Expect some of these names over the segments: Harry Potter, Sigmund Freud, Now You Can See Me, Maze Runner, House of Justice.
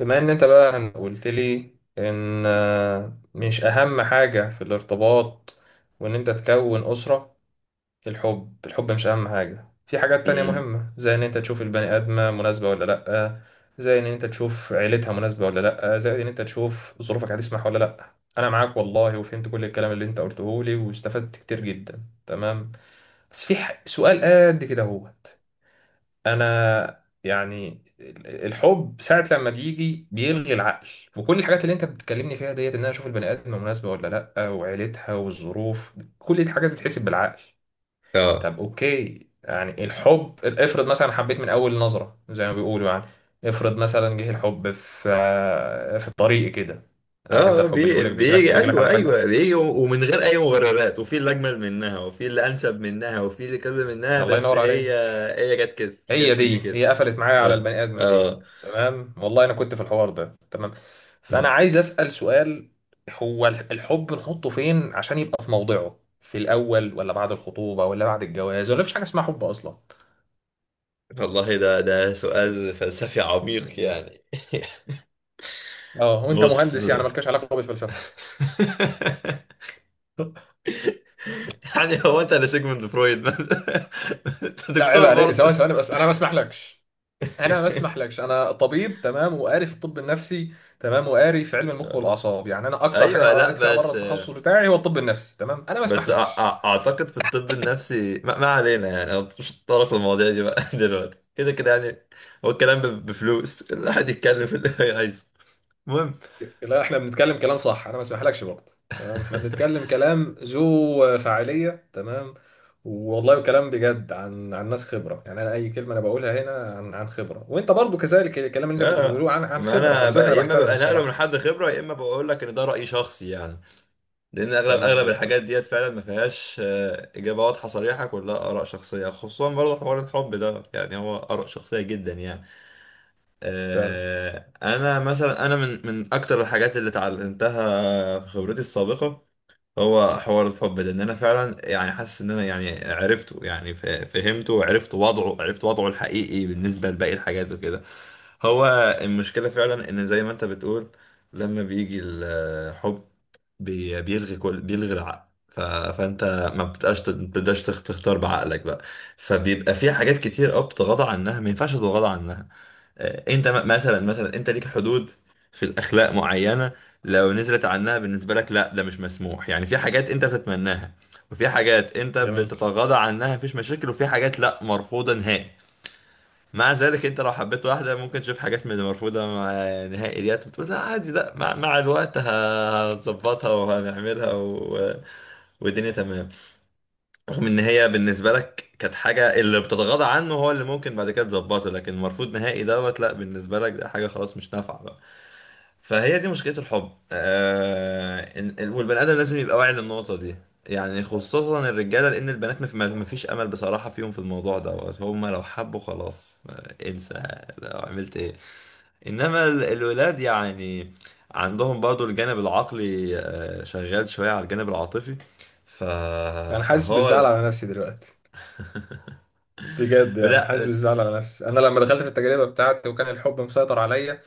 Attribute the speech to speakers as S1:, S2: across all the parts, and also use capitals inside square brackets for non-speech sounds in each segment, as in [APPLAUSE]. S1: بما ان انت بقى قلت لي ان مش اهم حاجة في الارتباط وان انت تكون اسرة. الحب مش اهم حاجة، في حاجات تانية
S2: امم
S1: مهمة زي ان انت تشوف البني ادمة مناسبة ولا لأ، زي ان انت تشوف عيلتها مناسبة ولا لأ، زي ان انت تشوف ظروفك هتسمح ولا لأ. انا معاك والله، وفهمت كل الكلام اللي انت قلته لي واستفدت كتير جدا. تمام، بس في سؤال قد كده. هو انا يعني الحب ساعة لما بيجي بيلغي العقل، وكل الحاجات اللي انت بتكلمني فيها ديت ان انا اشوف البني ادم مناسبة ولا لا، وعيلتها والظروف، كل دي حاجات بتتحسب بالعقل.
S2: اه
S1: طب اوكي، يعني الحب افرض مثلا حبيت من اول نظرة زي ما بيقولوا يعني، افرض مثلا جه الحب في الطريق كده. عارف انت
S2: اه
S1: الحب اللي بيقولك بيجيلك
S2: بيجي،
S1: بيجيلك
S2: ايوه
S1: على
S2: ايوه،
S1: فجأة؟
S2: بيجي ومن غير اي مبررات، وفي اللي اجمل منها وفي اللي انسب منها وفي اللي كذا منها،
S1: الله
S2: بس
S1: ينور
S2: هي
S1: عليك.
S2: هي جت كده، جت
S1: هي
S2: في دي
S1: دي، هي
S2: كده.
S1: قفلت معايا على
S2: اه
S1: البني ادمه دي.
S2: اه.
S1: تمام، والله انا كنت في الحوار ده تمام. فانا
S2: مم.
S1: عايز اسال سؤال: هو الحب نحطه فين عشان يبقى في موضعه؟ في الاول ولا بعد الخطوبه ولا بعد الجواز، ولا مفيش حاجه اسمها حب اصلا؟
S2: والله ده سؤال فلسفي عميق يعني.
S1: اه،
S2: [LAUGHS]
S1: وانت
S2: بص.
S1: مهندس يعني
S2: [LAUGHS]
S1: مالكش علاقه بالفلسفه؟ [LAUGHS]
S2: يعني هو انت اللي سيجموند فرويد؟ [LAUGHS] انت
S1: لا عيب
S2: دكتور
S1: عليك، ثواني
S2: برضه. [LAUGHS]
S1: ثواني، بس انا ما اسمحلكش. انا ما اسمحلكش، انا طبيب تمام، وقاري في الطب النفسي تمام، وقاري في علم المخ
S2: آه.
S1: والاعصاب. يعني انا اكتر حاجه انا
S2: ايوه. لا
S1: قريت فيها بره
S2: بس.
S1: التخصص بتاعي هو الطب النفسي، تمام، انا ما
S2: بس أع-
S1: اسمحلكش.
S2: أع- اعتقد في الطب النفسي ما علينا، يعني انا مش هتطرق للمواضيع دي بقى [LAUGHS] دلوقتي، كده كده يعني. هو الكلام بفلوس [LAUGHS] الواحد يتكلم في اللي هو عايزه. المهم.
S1: لا، احنا بنتكلم كلام صح، انا ما اسمحلكش برضه، تمام، احنا
S2: [LAUGHS]
S1: بنتكلم كلام ذو فاعليه تمام. والله كلام بجد عن ناس خبره، يعني انا اي كلمه انا بقولها هنا عن خبره، وانت برضه كذلك، الكلام اللي انت
S2: لا،
S1: بتقوله عن
S2: ما
S1: خبره،
S2: انا
S1: ولذلك
S2: بقى
S1: انا
S2: يا اما
S1: بحترمه
S2: ببقى نقله من
S1: الصراحه.
S2: حد خبره يا اما بقول لك ان ده راي شخصي يعني، لان اغلب
S1: تمام، زي
S2: اغلب
S1: الفل.
S2: الحاجات ديت فعلا ما فيهاش اجابه واضحه صريحه، كلها اراء شخصيه، خصوصا برضه حوار الحب ده، يعني هو اراء شخصيه جدا يعني.
S1: فعلا.
S2: انا مثلا، انا من اكتر الحاجات اللي اتعلمتها في خبرتي السابقه هو حوار الحب ده، ان انا فعلا يعني حاسس ان انا يعني عرفته، يعني فهمته وعرفت وضعه، عرفت وضعه الحقيقي بالنسبه لباقي الحاجات وكده. هو المشكله فعلا ان زي ما انت بتقول، لما بيجي الحب بيلغي العقل. فانت ما بتبقاش تختار بعقلك بقى. فبيبقى في حاجات كتير قوي بتتغاضى عنها ما ينفعش تتغاضى عنها. انت مثلا، مثلا انت ليك حدود في الاخلاق معينه، لو نزلت عنها بالنسبه لك لا ده مش مسموح. يعني في حاجات انت بتتمناها، وفي حاجات انت
S1: جميل.
S2: بتتغاضى عنها مفيش مشاكل، وفي حاجات لا مرفوضه نهائي. مع ذلك انت لو حبيت واحده ممكن تشوف حاجات من المرفوضه نهائي ديت وتقول لا عادي، لا مع الوقت هنظبطها وهنعملها والدنيا تمام، رغم ان هي بالنسبه لك كانت حاجه اللي بتتغاضى عنه هو اللي ممكن بعد كده تظبطه، لكن المرفوض نهائي دوت لا، بالنسبه لك ده حاجه خلاص مش نافعه بقى. فهي دي مشكله الحب. والبني ادم لازم يبقى واعي للنقطه دي، يعني خصوصا الرجاله، لان البنات ما فيش امل بصراحه فيهم في الموضوع دوت، هم لو حبوا خلاص انسى. لو عملت ايه؟ انما الولاد يعني عندهم برضو الجانب العقلي شغال شويه على الجانب العاطفي. ف...
S1: انا حاسس بالزعل
S2: فهو.
S1: على نفسي دلوقتي. بجد يعني
S2: لا
S1: حاسس
S2: بس.
S1: بالزعل على نفسي. انا لما دخلت في التجربه بتاعتي وكان الحب مسيطر عليا،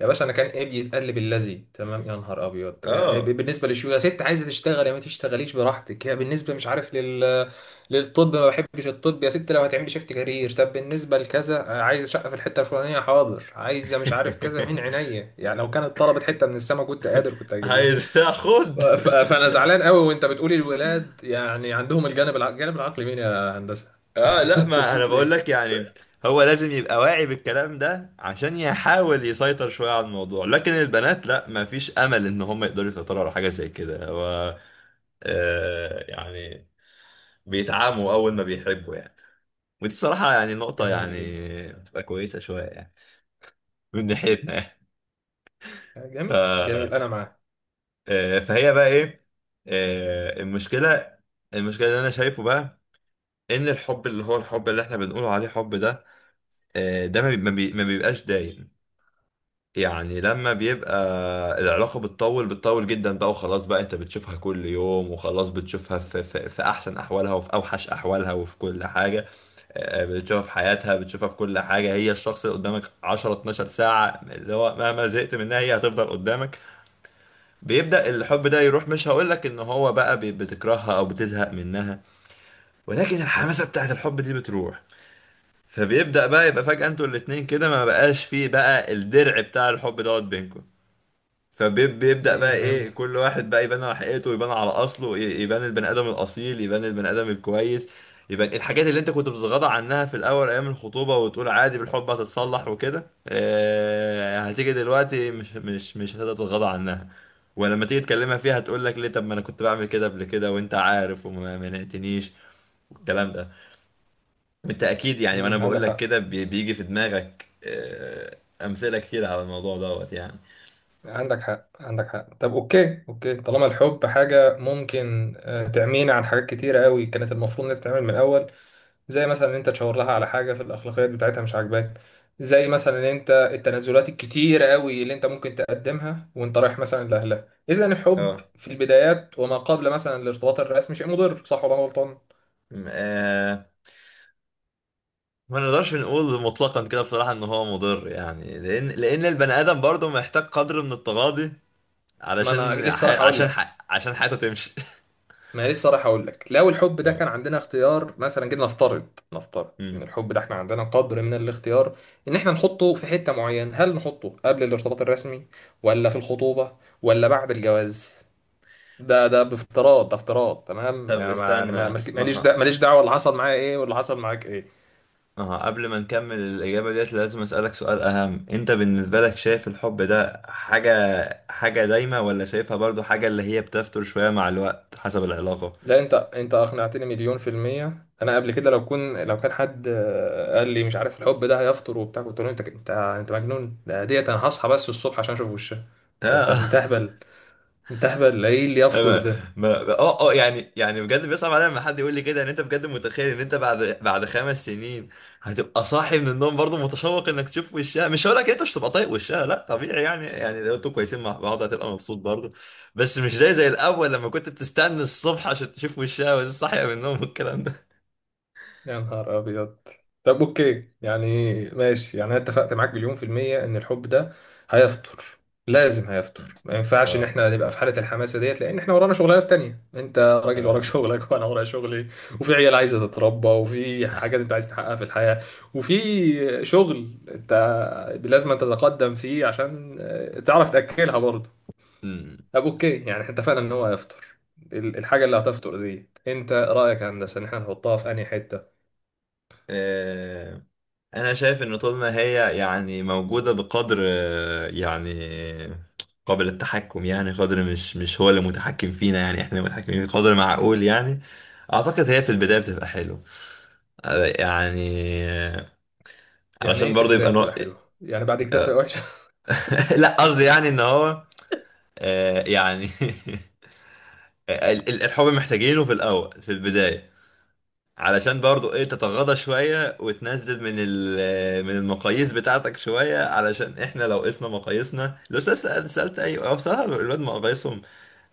S1: يا باشا، انا كان ايه بيتقلب اللذي؟ تمام، يا نهار ابيض، إيه
S2: اه.
S1: بالنسبه للشو؟ يا ست عايزه تشتغل يا ما تشتغليش براحتك، يا بالنسبه مش عارف لل للطب، ما بحبش الطب، يا ست لو هتعملي شيفت كارير، طب بالنسبه لكذا، عايزه شقه في الحته الفلانيه، حاضر، عايزه مش عارف كذا، من
S2: [LAUGHS]
S1: عينيا. يعني لو كانت طلبت حته من السما كنت قادر، كنت هجيب لها.
S2: عايز اخد.
S1: فانا زعلان قوي، وانت بتقولي الولاد يعني عندهم الجانب الجانب العقلي؟ مين يا هندسه؟
S2: اه،
S1: [LAUGHS]
S2: لا
S1: انت
S2: ما انا
S1: بتقول
S2: بقول
S1: ايه؟
S2: لك يعني هو لازم يبقى واعي بالكلام ده عشان يحاول يسيطر شوية على الموضوع، لكن البنات لا ما فيش امل ان هم يقدروا يسيطروا على حاجة زي كده. هو يعني بيتعاموا اول ما بيحبوا يعني. ودي بصراحة يعني نقطة،
S1: جميل جدا.
S2: يعني بتبقى كويسة شوية يعني من ناحيتنا يعني. ف...
S1: جميل جميل، انا معاه.
S2: فهي بقى ايه. آه المشكلة المشكلة اللي انا شايفه بقى ان الحب اللي هو الحب اللي احنا بنقول عليه حب ده، ده ما بيبقاش دايم. يعني لما بيبقى العلاقة بتطول، بتطول جدا بقى وخلاص بقى انت بتشوفها كل يوم وخلاص، بتشوفها في احسن احوالها وفي اوحش احوالها وفي كل حاجة. بتشوفها في حياتها، بتشوفها في كل حاجة، هي الشخص اللي قدامك 10 12 ساعة اللي هو مهما زهقت منها هي هتفضل قدامك. بيبدأ الحب ده يروح، مش هقولك ان هو بقى بتكرهها او بتزهق منها، ولكن الحماسة بتاعت الحب دي بتروح. فبيبدأ بقى يبقى فجأة انتوا الاتنين كده ما بقاش فيه بقى الدرع بتاع الحب دوت بينكم. فبيبدأ
S1: امم،
S2: بقى ايه،
S1: فهمت.
S2: كل واحد بقى يبان على حقيقته، يبان على اصله، يبان البني ادم الاصيل، يبان البني ادم الكويس، يبان الحاجات اللي انت كنت بتتغاضى عنها في الاول ايام الخطوبة وتقول عادي بالحب هتتصلح وكده. آه هتيجي دلوقتي مش هتتغاضى عنها. ولما تيجي تكلمها فيها هتقول لك ليه، طب ما انا كنت بعمل كده قبل كده وانت عارف وما منعتنيش، والكلام ده بالتأكيد يعني. وأنا
S1: امم، عندك
S2: بقول لك
S1: حق،
S2: كده بيجي في دماغك أمثلة كتير على الموضوع دوت يعني.
S1: عندك حق، عندك حق. طب اوكي، اوكي، طالما الحب حاجة ممكن تعمينا عن حاجات كتيرة قوي كانت المفروض انها تتعمل من الاول، زي مثلا ان انت تشاور لها على حاجة في الاخلاقيات بتاعتها مش عاجباك، زي مثلا ان انت التنازلات الكتيرة قوي اللي انت ممكن تقدمها وانت رايح مثلا لاهلها اذا الحب
S2: اه.
S1: في البدايات وما قبل مثلا الارتباط الرسمي، شيء مضر صح ولا أنا غلطان؟
S2: م- آه، ما نقدرش نقول مطلقا كده بصراحة إن هو مضر، يعني لأن البني آدم برضه محتاج قدر من التغاضي
S1: ما انا
S2: علشان
S1: لسه راح اقول لك،
S2: عشان حياته تمشي.
S1: ما لسه رايح اقول لك، لو الحب
S2: [LAUGHS]
S1: ده كان
S2: آه.
S1: عندنا اختيار مثلا، جينا نفترض، نفترض ان
S2: مم.
S1: الحب ده احنا عندنا قدر من الاختيار، ان احنا نحطه في حتة معينة، هل نحطه قبل الارتباط الرسمي، ولا في الخطوبة، ولا بعد الجواز؟ ده ده بافتراض، ده افتراض تمام،
S2: طب
S1: يعني ما يعني
S2: استنى، ما
S1: ماليش
S2: ه...
S1: دعوة، ماليش دعوة اللي حصل معايا ايه واللي حصل معاك ايه.
S2: اه قبل ما نكمل الإجابة ديت لازم أسألك سؤال أهم. أنت بالنسبة لك شايف الحب ده حاجة، دايمة ولا شايفها برضو حاجة اللي هي بتفتر شوية مع الوقت حسب العلاقة؟
S1: لا، انت انت اقنعتني مليون في المية. انا قبل كده لو كان حد قال لي مش عارف الحب ده هيفطر وبتاع، كنت اقول له انت انت انت مجنون، ده ديت انا هصحى بس الصبح عشان اشوف وشها. انت انت
S2: آه. [LAUGHS]
S1: انت اهبل، انت اهبل، ايه اللي يفطر
S2: ما
S1: ده؟
S2: ما اه اه، يعني بجد بيصعب عليا لما حد يقول لي كده ان انت بجد متخيل ان انت بعد خمس سنين هتبقى صاحي من النوم برضه متشوق انك تشوف وشها. مش هقول لك انت مش هتبقى طايق وشها، لا طبيعي يعني، يعني لو انتوا كويسين مع بعض هتبقى مبسوط برضه، بس مش زي الاول لما كنت بتستنى الصبح عشان تشوف وشها وهي صاحيه من النوم والكلام ده.
S1: يا نهار أبيض. طب أوكي، يعني ماشي، يعني أنا اتفقت معاك مليون في المية إن الحب ده هيفطر، لازم هيفطر، ما ينفعش إن
S2: اه
S1: إحنا نبقى في حالة الحماسة ديت، لأن إحنا ورانا شغلانات تانية. أنت راجل وراك شغلك وأنا ورايا شغلي، وفي عيال عايزة تتربى، وفي حاجات أنت عايز تحققها في الحياة، وفي شغل أنت لازم أنت تتقدم فيه عشان تعرف تأكلها برضه.
S2: اه.
S1: طب أوكي، يعني إحنا اتفقنا إن هو هيفطر. الحاجة اللي هتفطر دي أنت رأيك يا هندسة إن إحنا نحطها في أنهي حتة؟
S2: آه، انا شايف ان طول ما هي يعني موجوده بقدر يعني قابل التحكم، يعني قدر مش مش هو اللي متحكم فينا، يعني احنا متحكمين بقدر معقول يعني. اعتقد هي في البدايه بتبقى حلو يعني آه،
S1: يعني
S2: علشان
S1: ايه في
S2: برضه
S1: البداية
S2: يبقى
S1: بتبقى
S2: [LAUGHS]
S1: حلوة يعني بعد كده بتبقى وحشة؟
S2: لا قصدي يعني ان هو يعني [LAUGHS] الحب محتاجينه في الاول في البدايه علشان برضو ايه تتغاضى شوية وتنزل من من المقاييس بتاعتك شوية، علشان احنا لو قسنا مقاييسنا، لو سألت اي أو بصراحة الولاد مقاييسهم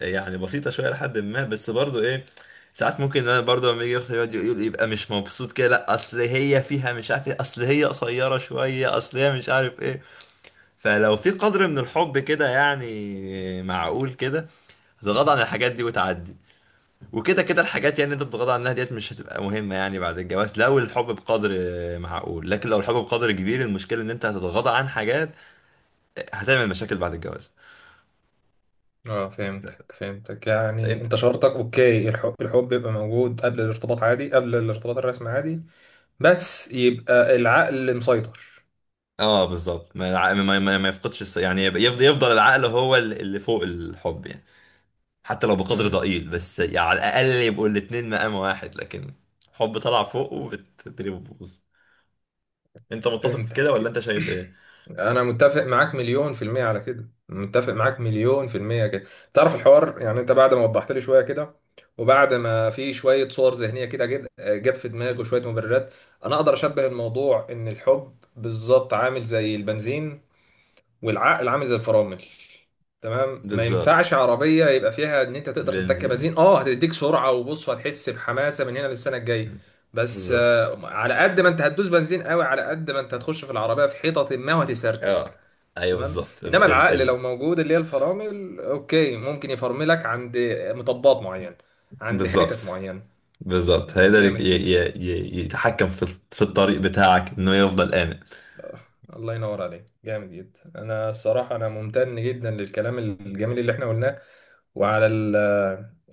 S2: يعني بسيطة شوية لحد ما، بس برضو ايه ساعات ممكن انا برضو لما يجي اختي يقعد يقول يبقى مش مبسوط كده، لا اصل هي فيها مش عارف ايه، اصل هي قصيرة شوية، اصل هي مش عارف ايه. فلو في قدر من الحب كده يعني معقول كده تتغاضى عن الحاجات دي وتعدي، وكده كده الحاجات يعني انت بتتغاضى عنها ديت مش هتبقى مهمة يعني بعد الجواز، لو الحب بقدر معقول. لكن لو الحب بقدر كبير المشكلة ان انت هتتغاضى عن حاجات هتعمل مشاكل بعد الجواز.
S1: [LAUGHS] اه، فهمتك فهمتك. يعني
S2: انت.
S1: انت شرطك اوكي، الحب الحب بيبقى موجود قبل الارتباط عادي، قبل الارتباط الرسمي عادي، بس يبقى العقل مسيطر.
S2: اه بالظبط، ما, الع- ما, ما, ما يفقدش يعني يفضل العقل هو اللي فوق الحب يعني، حتى لو بقدر
S1: امم،
S2: ضئيل بس يعني، على الاقل يبقوا الاتنين مقام واحد، لكن حب طلع فوق وبالتدريب بوظ. انت متفق في كده ولا
S1: فهمتك.
S2: انت شايف ايه؟
S1: [CLEARS THROAT] انا متفق معاك مليون في المية على كده، متفق معاك مليون في المية كده. تعرف الحوار يعني انت بعد ما وضحت لي شوية كده، وبعد ما في شوية صور ذهنية كده جت في دماغي وشوية مبررات، انا اقدر اشبه الموضوع ان الحب بالظبط عامل زي البنزين، والعقل عامل زي الفرامل. تمام، ما
S2: بالظبط.
S1: ينفعش عربيه يبقى فيها ان انت تقدر تتك
S2: بنزين.
S1: بنزين. اه هتديك سرعه وبص، هتحس بحماسه من هنا للسنه الجايه، بس
S2: بالظبط.
S1: على قد ما انت هتدوس بنزين قوي، على قد ما انت هتخش في العربيه في حيطه ما وهتفرتك.
S2: اه ايوه
S1: تمام،
S2: بالظبط
S1: انما
S2: ال ال
S1: العقل لو
S2: ال
S1: موجود، اللي هي الفرامل، اوكي ممكن يفرملك عند مطبات معينه، عند
S2: بالظبط.
S1: حتت معينه.
S2: بالظبط هيقدر
S1: جامد جدا.
S2: يتحكم في في الطريق بتاعك انه يفضل آمن.
S1: آه، الله ينور عليك، جامد جدا. انا الصراحه انا ممتن جدا للكلام الجميل اللي احنا قلناه وعلى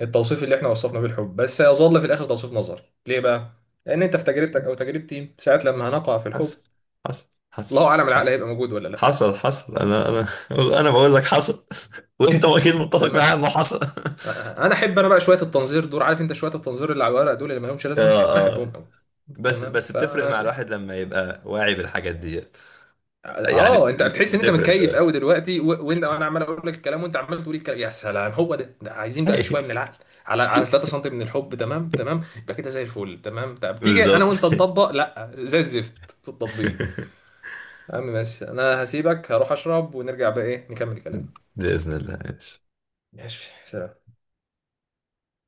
S1: التوصيف اللي احنا وصفنا بيه الحب. بس يظل في الاخر توصيف نظري. ليه بقى؟ لان انت في تجربتك او تجربتي ساعات لما هنقع في
S2: حصل.
S1: الحب،
S2: حصل حصل.
S1: الله اعلم العقل
S2: حصل
S1: هيبقى موجود ولا لا.
S2: حصل حصل، انا انا [LAUGHS] انا بقول لك حصل، [LAUGHS] وانت اكيد متفق
S1: تمام.
S2: معايا انه حصل. [LAUGHS]
S1: انا احب انا بقى شويه التنظير دول، عارف انت، شويه التنظير اللي على الورق دول اللي ما لهمش لازمه، انا
S2: اه
S1: احبهم
S2: اه.
S1: قوي.
S2: بس
S1: تمام
S2: بس بتفرق
S1: فانا،
S2: مع الواحد لما يبقى واعي بالحاجات ديت، يعني
S1: اه، انت بتحس ان انت
S2: بتفرق
S1: متكيف
S2: شويه.
S1: قوي دلوقتي، وانت وانا عمال اقول لك الكلام وانت عمال تقول الكلام يا سلام هو ده عايزين بقى شويه من
S2: [LAUGHS]
S1: العقل على 3 سم من الحب. تمام تمام، يبقى كده زي الفل. تمام، طب تيجي انا
S2: بالظبط.
S1: وانت نطبق، لا زي الزفت في التطبيق.
S2: [LAUGHS]
S1: يا عم ماشي، انا هسيبك هروح اشرب ونرجع بقى ايه نكمل الكلام.
S2: بإذن الله.
S1: ماشي سلام.